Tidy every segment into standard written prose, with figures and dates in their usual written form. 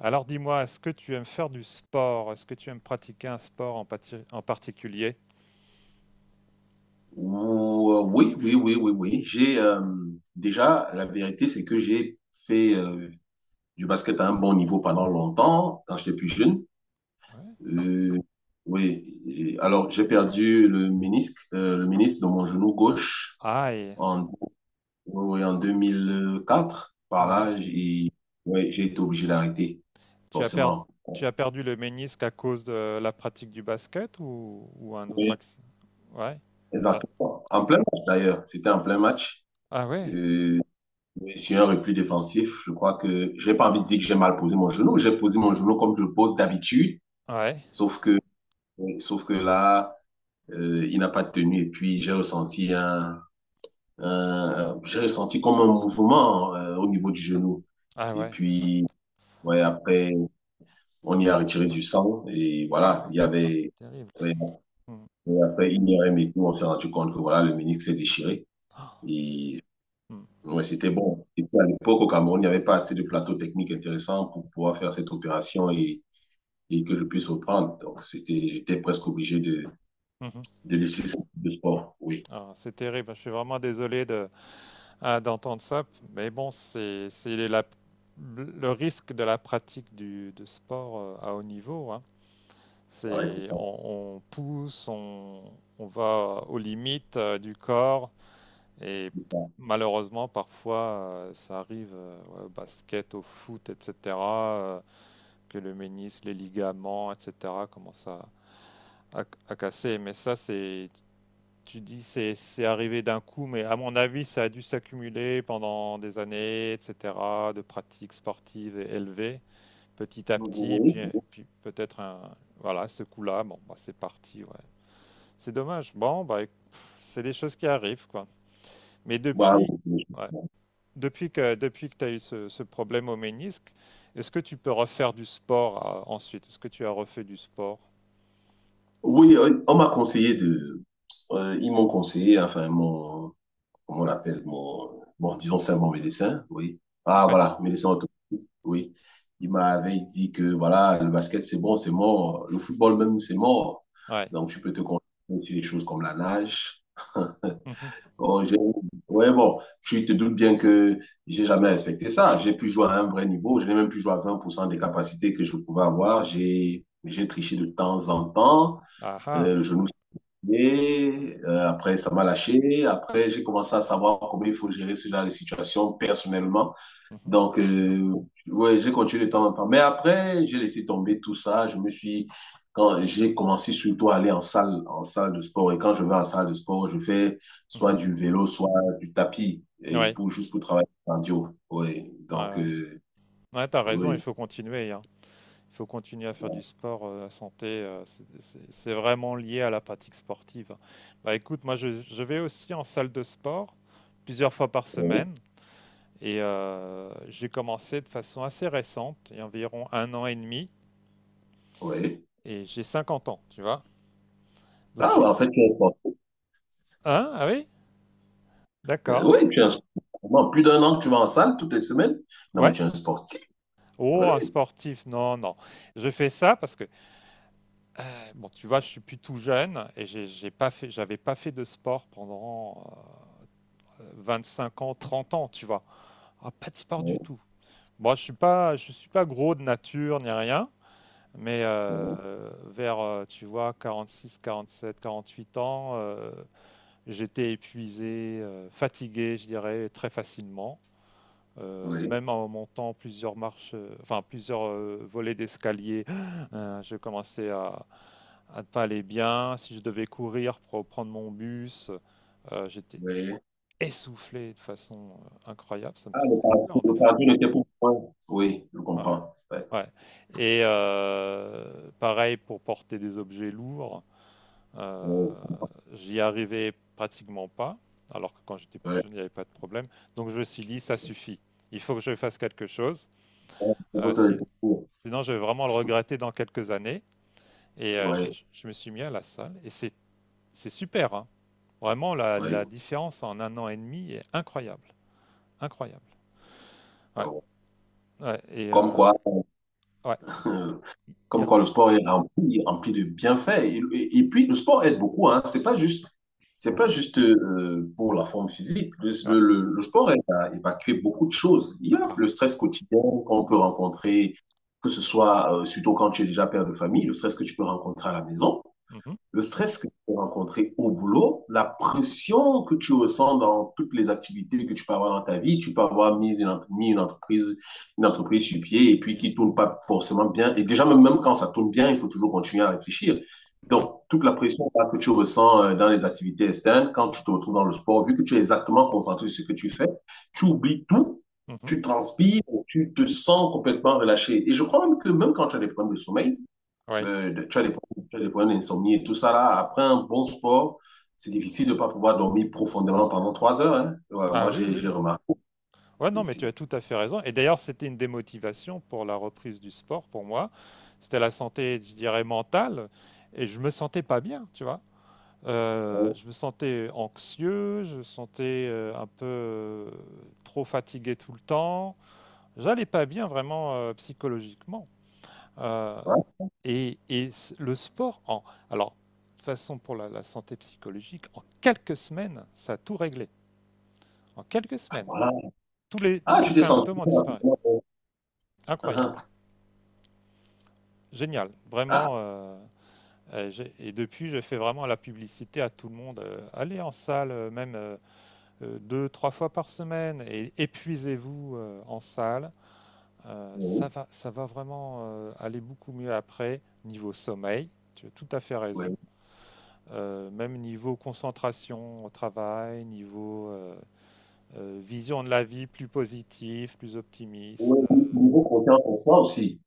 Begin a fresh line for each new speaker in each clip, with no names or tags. Alors dis-moi, est-ce que tu aimes faire du sport? Est-ce que tu aimes pratiquer un sport en particulier?
Oui, oui, oui, oui, oui. J'ai déjà, la vérité, c'est que j'ai fait du basket à un bon niveau pendant longtemps, quand j'étais plus jeune.
Ouais.
Euh, oui. Et alors, j'ai perdu le ménisque de mon genou gauche
Aïe,
en, oui, oui, en 2004. Par
ouais.
là, j'ai oui, j'ai été obligé d'arrêter,
Tu as per-
forcément.
tu as perdu le ménisque à cause de la pratique du basket ou un autre
Oui,
accident? Ouais. Ah,
exactement. En plein match, d'ailleurs. C'était en plein match.
ah ouais,
Euh, Blessure et plus défensif. Je crois que j'ai pas envie de dire que j'ai mal posé mon genou. J'ai posé mon genou comme je le pose d'habitude,
ouais,
sauf que sauf que là, il n'a pas tenu et puis j'ai ressenti j'ai ressenti comme un mouvement au niveau du genou.
ah
Et
ouais.
puis ouais, après on y a retiré du sang et voilà,
Oh,
il y
ah, c'est
avait
terrible.
ouais,
Hmm.
et après IRM et tout, on s'est rendu compte que voilà le ménisque s'est déchiré
Ah,
et
hmm,
ouais, c'était bon. Et puis à l'époque, au Cameroun, il n'y avait pas assez de plateaux techniques intéressants pour pouvoir faire cette opération et que je puisse reprendre. Donc, j'étais presque obligé
mhm.
de laisser ce type de sport. Oui,
Ah, c'est terrible, je suis vraiment désolé de, ah, d'entendre ça, mais bon, c'est le risque de la pratique de sport à haut niveau, hein.
ouais,
C'est, on, on pousse, on va aux limites du corps et
c'est ça.
malheureusement parfois ça arrive, ouais, au basket, au foot, etc., que le ménisque, les ligaments, etc. commencent à casser. Mais ça, tu dis, c'est arrivé d'un coup, mais à mon avis, ça a dû s'accumuler pendant des années, etc. de pratiques sportives et élevées, petit à petit,
Oui,
puis,
oui.
puis peut-être voilà, ce coup-là, bon, bah, c'est parti, ouais. C'est dommage. Bon, bah, pff, c'est des choses qui arrivent, quoi. Mais
Bah,
depuis,
oui,
ouais,
oui.
depuis que tu as eu ce problème au ménisque, est-ce que tu peux refaire du sport ensuite? Est-ce que tu as refait du sport?
Oui, on m'a conseillé de. Ils m'ont conseillé, enfin, mon, comment on l'appelle, mon, bon, disons c'est un bon médecin, oui. Ah,
Ouais.
voilà, médecin orthopédiste, oui. Il m'avait dit que, voilà, le basket, c'est bon, c'est mort. Le football même, c'est mort.
Ouais.
Donc, tu peux te concentrer sur des choses comme la nage.
Mhm.
Bon, ouais, bon, tu te doutes bien que j'ai jamais respecté ça. J'ai pu jouer à un vrai niveau. Je n'ai même plus joué à 20% des capacités que je pouvais avoir. J'ai triché de temps en temps.
Ah ah.
Le genou et après, ça m'a lâché. Après, j'ai commencé à savoir comment il faut gérer ce genre de situation personnellement.
Mhm.
Donc, ouais, j'ai continué de temps en temps. Mais après, j'ai laissé tomber tout ça. Quand j'ai commencé surtout à aller en salle de sport. Et quand je vais en salle de sport, je fais
Mhm.
soit du vélo, soit du tapis, et
Ouais.
pour, juste pour travailler le cardio. Ouais,
Ouais,
donc,
ouais. Ouais, t'as raison, il
oui,
faut continuer, hein. Il faut continuer à faire du sport, la santé, c'est vraiment lié à la pratique sportive, hein. Bah écoute, moi je vais aussi en salle de sport plusieurs fois par
oui.
semaine. Et j'ai commencé de façon assez récente, il y a environ un an et demi,
Oui.
et j'ai 50 ans, tu vois. Donc
Ah, ouais,
j'ai...
en fait, je suis sportif.
Hein? Ah oui? D'accord.
Oui, tu es un sportif. Pendant plus d'un an que tu vas en salle toutes les semaines. Non, mais
Ouais.
tu es un sportif. Oui,
Oh, un sportif, non, non. Je fais ça parce que, bon, tu vois, je suis plus tout jeune et j'ai pas fait, j'avais pas fait de sport pendant 5 ans, 30 ans, tu vois. Ah, pas de sport du
oui,
tout. Moi, je suis pas gros de nature ni rien, mais
oui,
vers, tu vois, quarante quarante six sept quarante huit ans, j'étais épuisé, fatigué, je dirais, très facilement.
oui,
Même en montant plusieurs marches, enfin plusieurs volets d'escalier, je commençais à ne pas aller bien. Si je devais courir pour prendre mon bus, j'étais
oui.
essoufflé de façon incroyable. Ça me
Ah,
faisait peur des
le
fois.
cardio n'était pour moi. Oui, je
Ouais,
comprends. Ouais.
ouais. Et pareil pour porter des objets lourds. Euh,
Oui,
J'y arrivais pratiquement pas, alors que quand j'étais plus
oui.
jeune, il n'y avait pas de problème. Donc je me suis dit, ça suffit. Il faut que je fasse quelque chose.
On peut
Euh,
se
si-
laisser pour.
sinon, je vais vraiment le regretter dans quelques années. Et je,
Oui,
je- je me suis mis à la salle. Et c'est super, hein. Vraiment, la
oui.
différence en un an et demi est incroyable. Incroyable. Ouais.
Donc,
Ouais. Et
comme
euh,
quoi,
ouais. Il y
comme
a-
quoi, le sport est rempli de bienfaits. Et, et puis, le sport aide beaucoup. Hein. C'est pas juste pour la forme physique.
ouais.
Le sport aide à évacuer beaucoup de choses. Il y a
Ah.
le stress quotidien qu'on peut
Ah.
rencontrer, que ce soit surtout quand tu es déjà père de famille, le stress que tu peux rencontrer à la maison.
Mhm.
Le stress que tu peux rencontrer au boulot, la pression que tu ressens dans toutes les activités que tu peux avoir dans ta vie, tu peux avoir mis une entreprise sur pied et puis qui tourne pas forcément bien. Et déjà, même quand ça tourne bien, il faut toujours continuer à réfléchir.
Ouais.
Donc, toute la pression que tu ressens dans les activités externes, quand tu te retrouves dans le sport, vu que tu es exactement concentré sur ce que tu fais, tu oublies tout,
Mhm.
tu transpires, tu te sens complètement relâché. Et je crois même que même quand tu as des problèmes de sommeil,
Ouais.
tu as des problèmes, tu as des problèmes d'insomnie et tout ça là. Après un bon sport, c'est difficile de ne pas pouvoir dormir profondément pendant 3 heures. Hein. Ouais,
Ah
moi,
oui, oui.
j'ai remarqué
Ouais, non, mais tu as
ici.
tout à fait raison. Et d'ailleurs, c'était une démotivation pour la reprise du sport pour moi. C'était la santé, je dirais, mentale. Et je me sentais pas bien, tu vois.
Ouais,
Je me sentais anxieux, je me sentais un peu trop fatigué tout le temps. J'allais pas bien vraiment psychologiquement. Euh, le sport, alors, de toute façon, pour la santé psychologique, en quelques semaines, ça a tout réglé. En quelques semaines,
voilà.
tous les, tous
Ah,
les
tu t'es senti.
symptômes ont disparu. Incroyable.
Ah,
Génial,
ah,
vraiment. Et depuis, je fais vraiment la publicité à tout le monde. Allez en salle, même, deux, trois fois par semaine, et épuisez-vous en salle. Euh, ça
oui,
va, ça va vraiment aller beaucoup mieux après, niveau sommeil. Tu as tout à fait raison.
oui.
Même niveau concentration au travail, niveau vision de la vie plus positive, plus
Oui,
optimiste.
niveau confiance en soi aussi.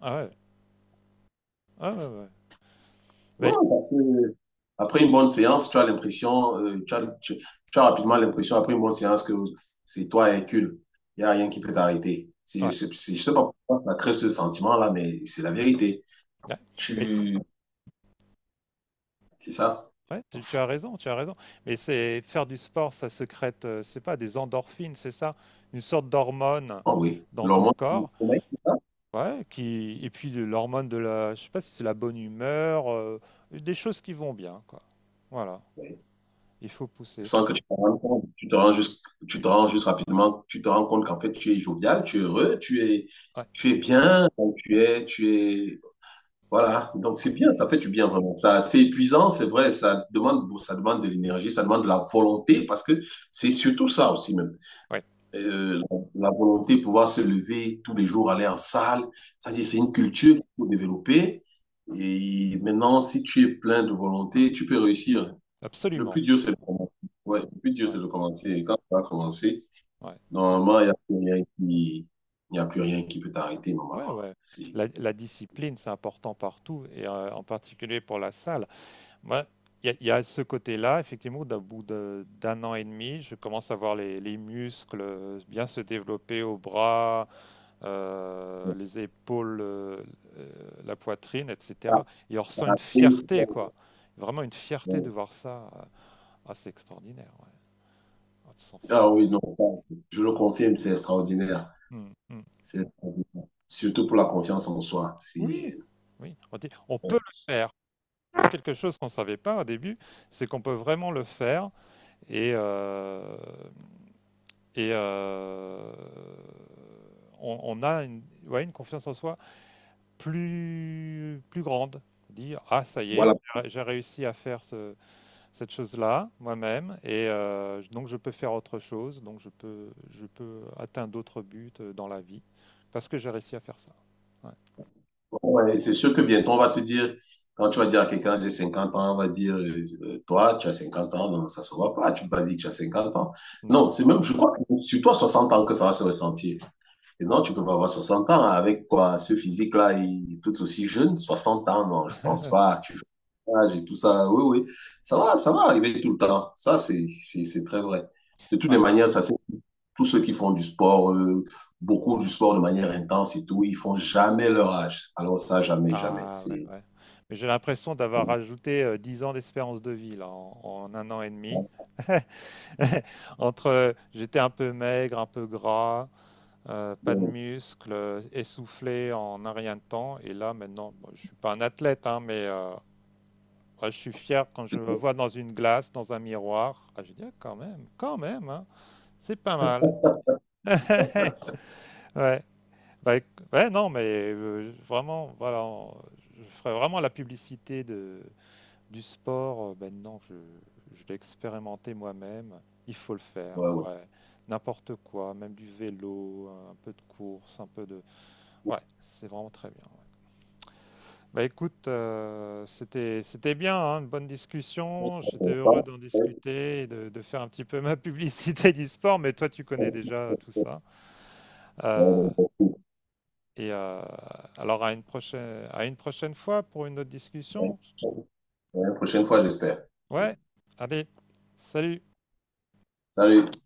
Ah ouais, ah ouais, ouais, ouais.
Ouais,
Mais-
parce que après une bonne séance, tu as rapidement l'impression, après une bonne séance, que c'est toi Hercule. Il n'y a rien qui peut t'arrêter.
ouais,
Je ne sais pas pourquoi ça crée ce sentiment-là, mais c'est la vérité.
ouais.
Tu, c'est ça?
Ouais, tu as raison, tu as raison. Mais c'est faire du sport, ça secrète, c'est pas des endorphines, c'est ça, une sorte d'hormone
Ah oui.
dans ton
L'hormone du
corps,
sommeil, c'est ça?
ouais, qui et puis de l'hormone de la, je sais pas si c'est la bonne humeur, des choses qui vont bien, quoi. Voilà,
Oui.
il faut pousser,
Sans
quoi.
que tu te rendes compte, tu te rends juste rapidement, tu te rends compte qu'en fait, tu es jovial, tu es heureux,
Ouais,
tu es bien, donc tu es, voilà. Donc, c'est
mm,
bien, ça fait du bien vraiment. Ça, c'est épuisant, c'est vrai, ça demande de l'énergie, ça demande de la volonté parce que c'est surtout ça aussi, même.
ouais,
euh, la, volonté de pouvoir se lever tous les jours, aller en salle.
ouais,
C'est-à-dire, c'est une culture qu'il faut développer. Et maintenant, si tu es plein de volonté, tu peux réussir. Le
absolument.
plus dur, c'est de commencer. Ouais, le plus dur, c'est
Ouais,
de commencer. Et quand tu vas commencer,
ouais, ouais,
normalement, il n'y a plus rien qui peut t'arrêter,
ouais,
normalement.
ouais.
C'est-
La discipline, c'est important partout et en particulier pour la salle. Ouais. Il y a ce côté-là, effectivement, d'un an et demi, je commence à voir les muscles bien se développer aux bras, les épaules, la poitrine, etc. Et on ressent une fierté, quoi. Vraiment une fierté de voir ça. Ah, c'est extraordinaire, ouais. On se sent fier.
ah oui, non, je le confirme, c'est extraordinaire.
Mm, mm.
C'est extraordinaire. Surtout pour la confiance en soi.
Oui,
C'est,
oui. On dit, on peut
ouais.
le faire. Quelque chose qu'on ne savait pas au début, c'est qu'on peut vraiment le faire. Et euh, Et on a ouais, une confiance en soi plus grande. Dire, ah, ça y est,
Voilà.
j'ai réussi à faire cette chose-là moi-même, et donc je peux faire autre chose, donc je peux atteindre d'autres buts dans la vie, parce que j'ai réussi à faire ça. Ouais.
Ouais, c'est sûr que bientôt, on va te dire, quand tu vas dire à quelqu'un, j'ai 50 ans, on va dire, toi, tu as 50 ans, non, ça se voit pas, tu peux pas dire que tu as 50 ans.
Non.
Non, c'est même, je crois que c'est sur toi, 60 ans que ça va se ressentir. Et non, tu peux pas avoir 60 ans avec quoi, ce physique-là, il est tout aussi jeune, 60 ans, non, je pense pas, tu fais l'âge et tout ça, oui, oui, ça va arriver tout le temps. Ça, c'est très vrai. De toutes les
Ouais.
manières, ça s'est tous ceux qui font du sport, beaucoup du sport de manière intense et tout, ils font jamais leur âge. Alors ça, jamais, jamais.
Ah, ouais,
C'est
ouais. Mais j'ai l'impression d'avoir rajouté 10 ans d'espérance de vie, là, en un an et demi. Entre, j'étais un peu maigre, un peu gras, pas de
bon.
muscles, essoufflé en un rien de temps. Et là, maintenant, bon, je suis pas un athlète, hein, mais ouais, je suis fier quand je
C'est
me
bon.
vois dans une glace, dans un miroir. Ah, je dis, ah, quand même, hein, c'est pas mal. Ouais, bah, ouais, non, mais vraiment, voilà, je ferais vraiment la publicité du sport, maintenant je l'ai expérimenté moi-même, il faut le faire,
Ouais, ouais.
ouais. N'importe quoi, même du vélo, un peu de course, un peu de ouais, c'est vraiment très bien. Bah, écoute, c'était bien, hein, une bonne discussion, j'étais heureux d'en discuter et de faire un petit peu ma publicité du sport, mais toi tu connais déjà tout ça. Heu et alors, à une prochaine fois pour une autre discussion.
La prochaine fois, j'espère.
Ouais, allez, salut!
Salut.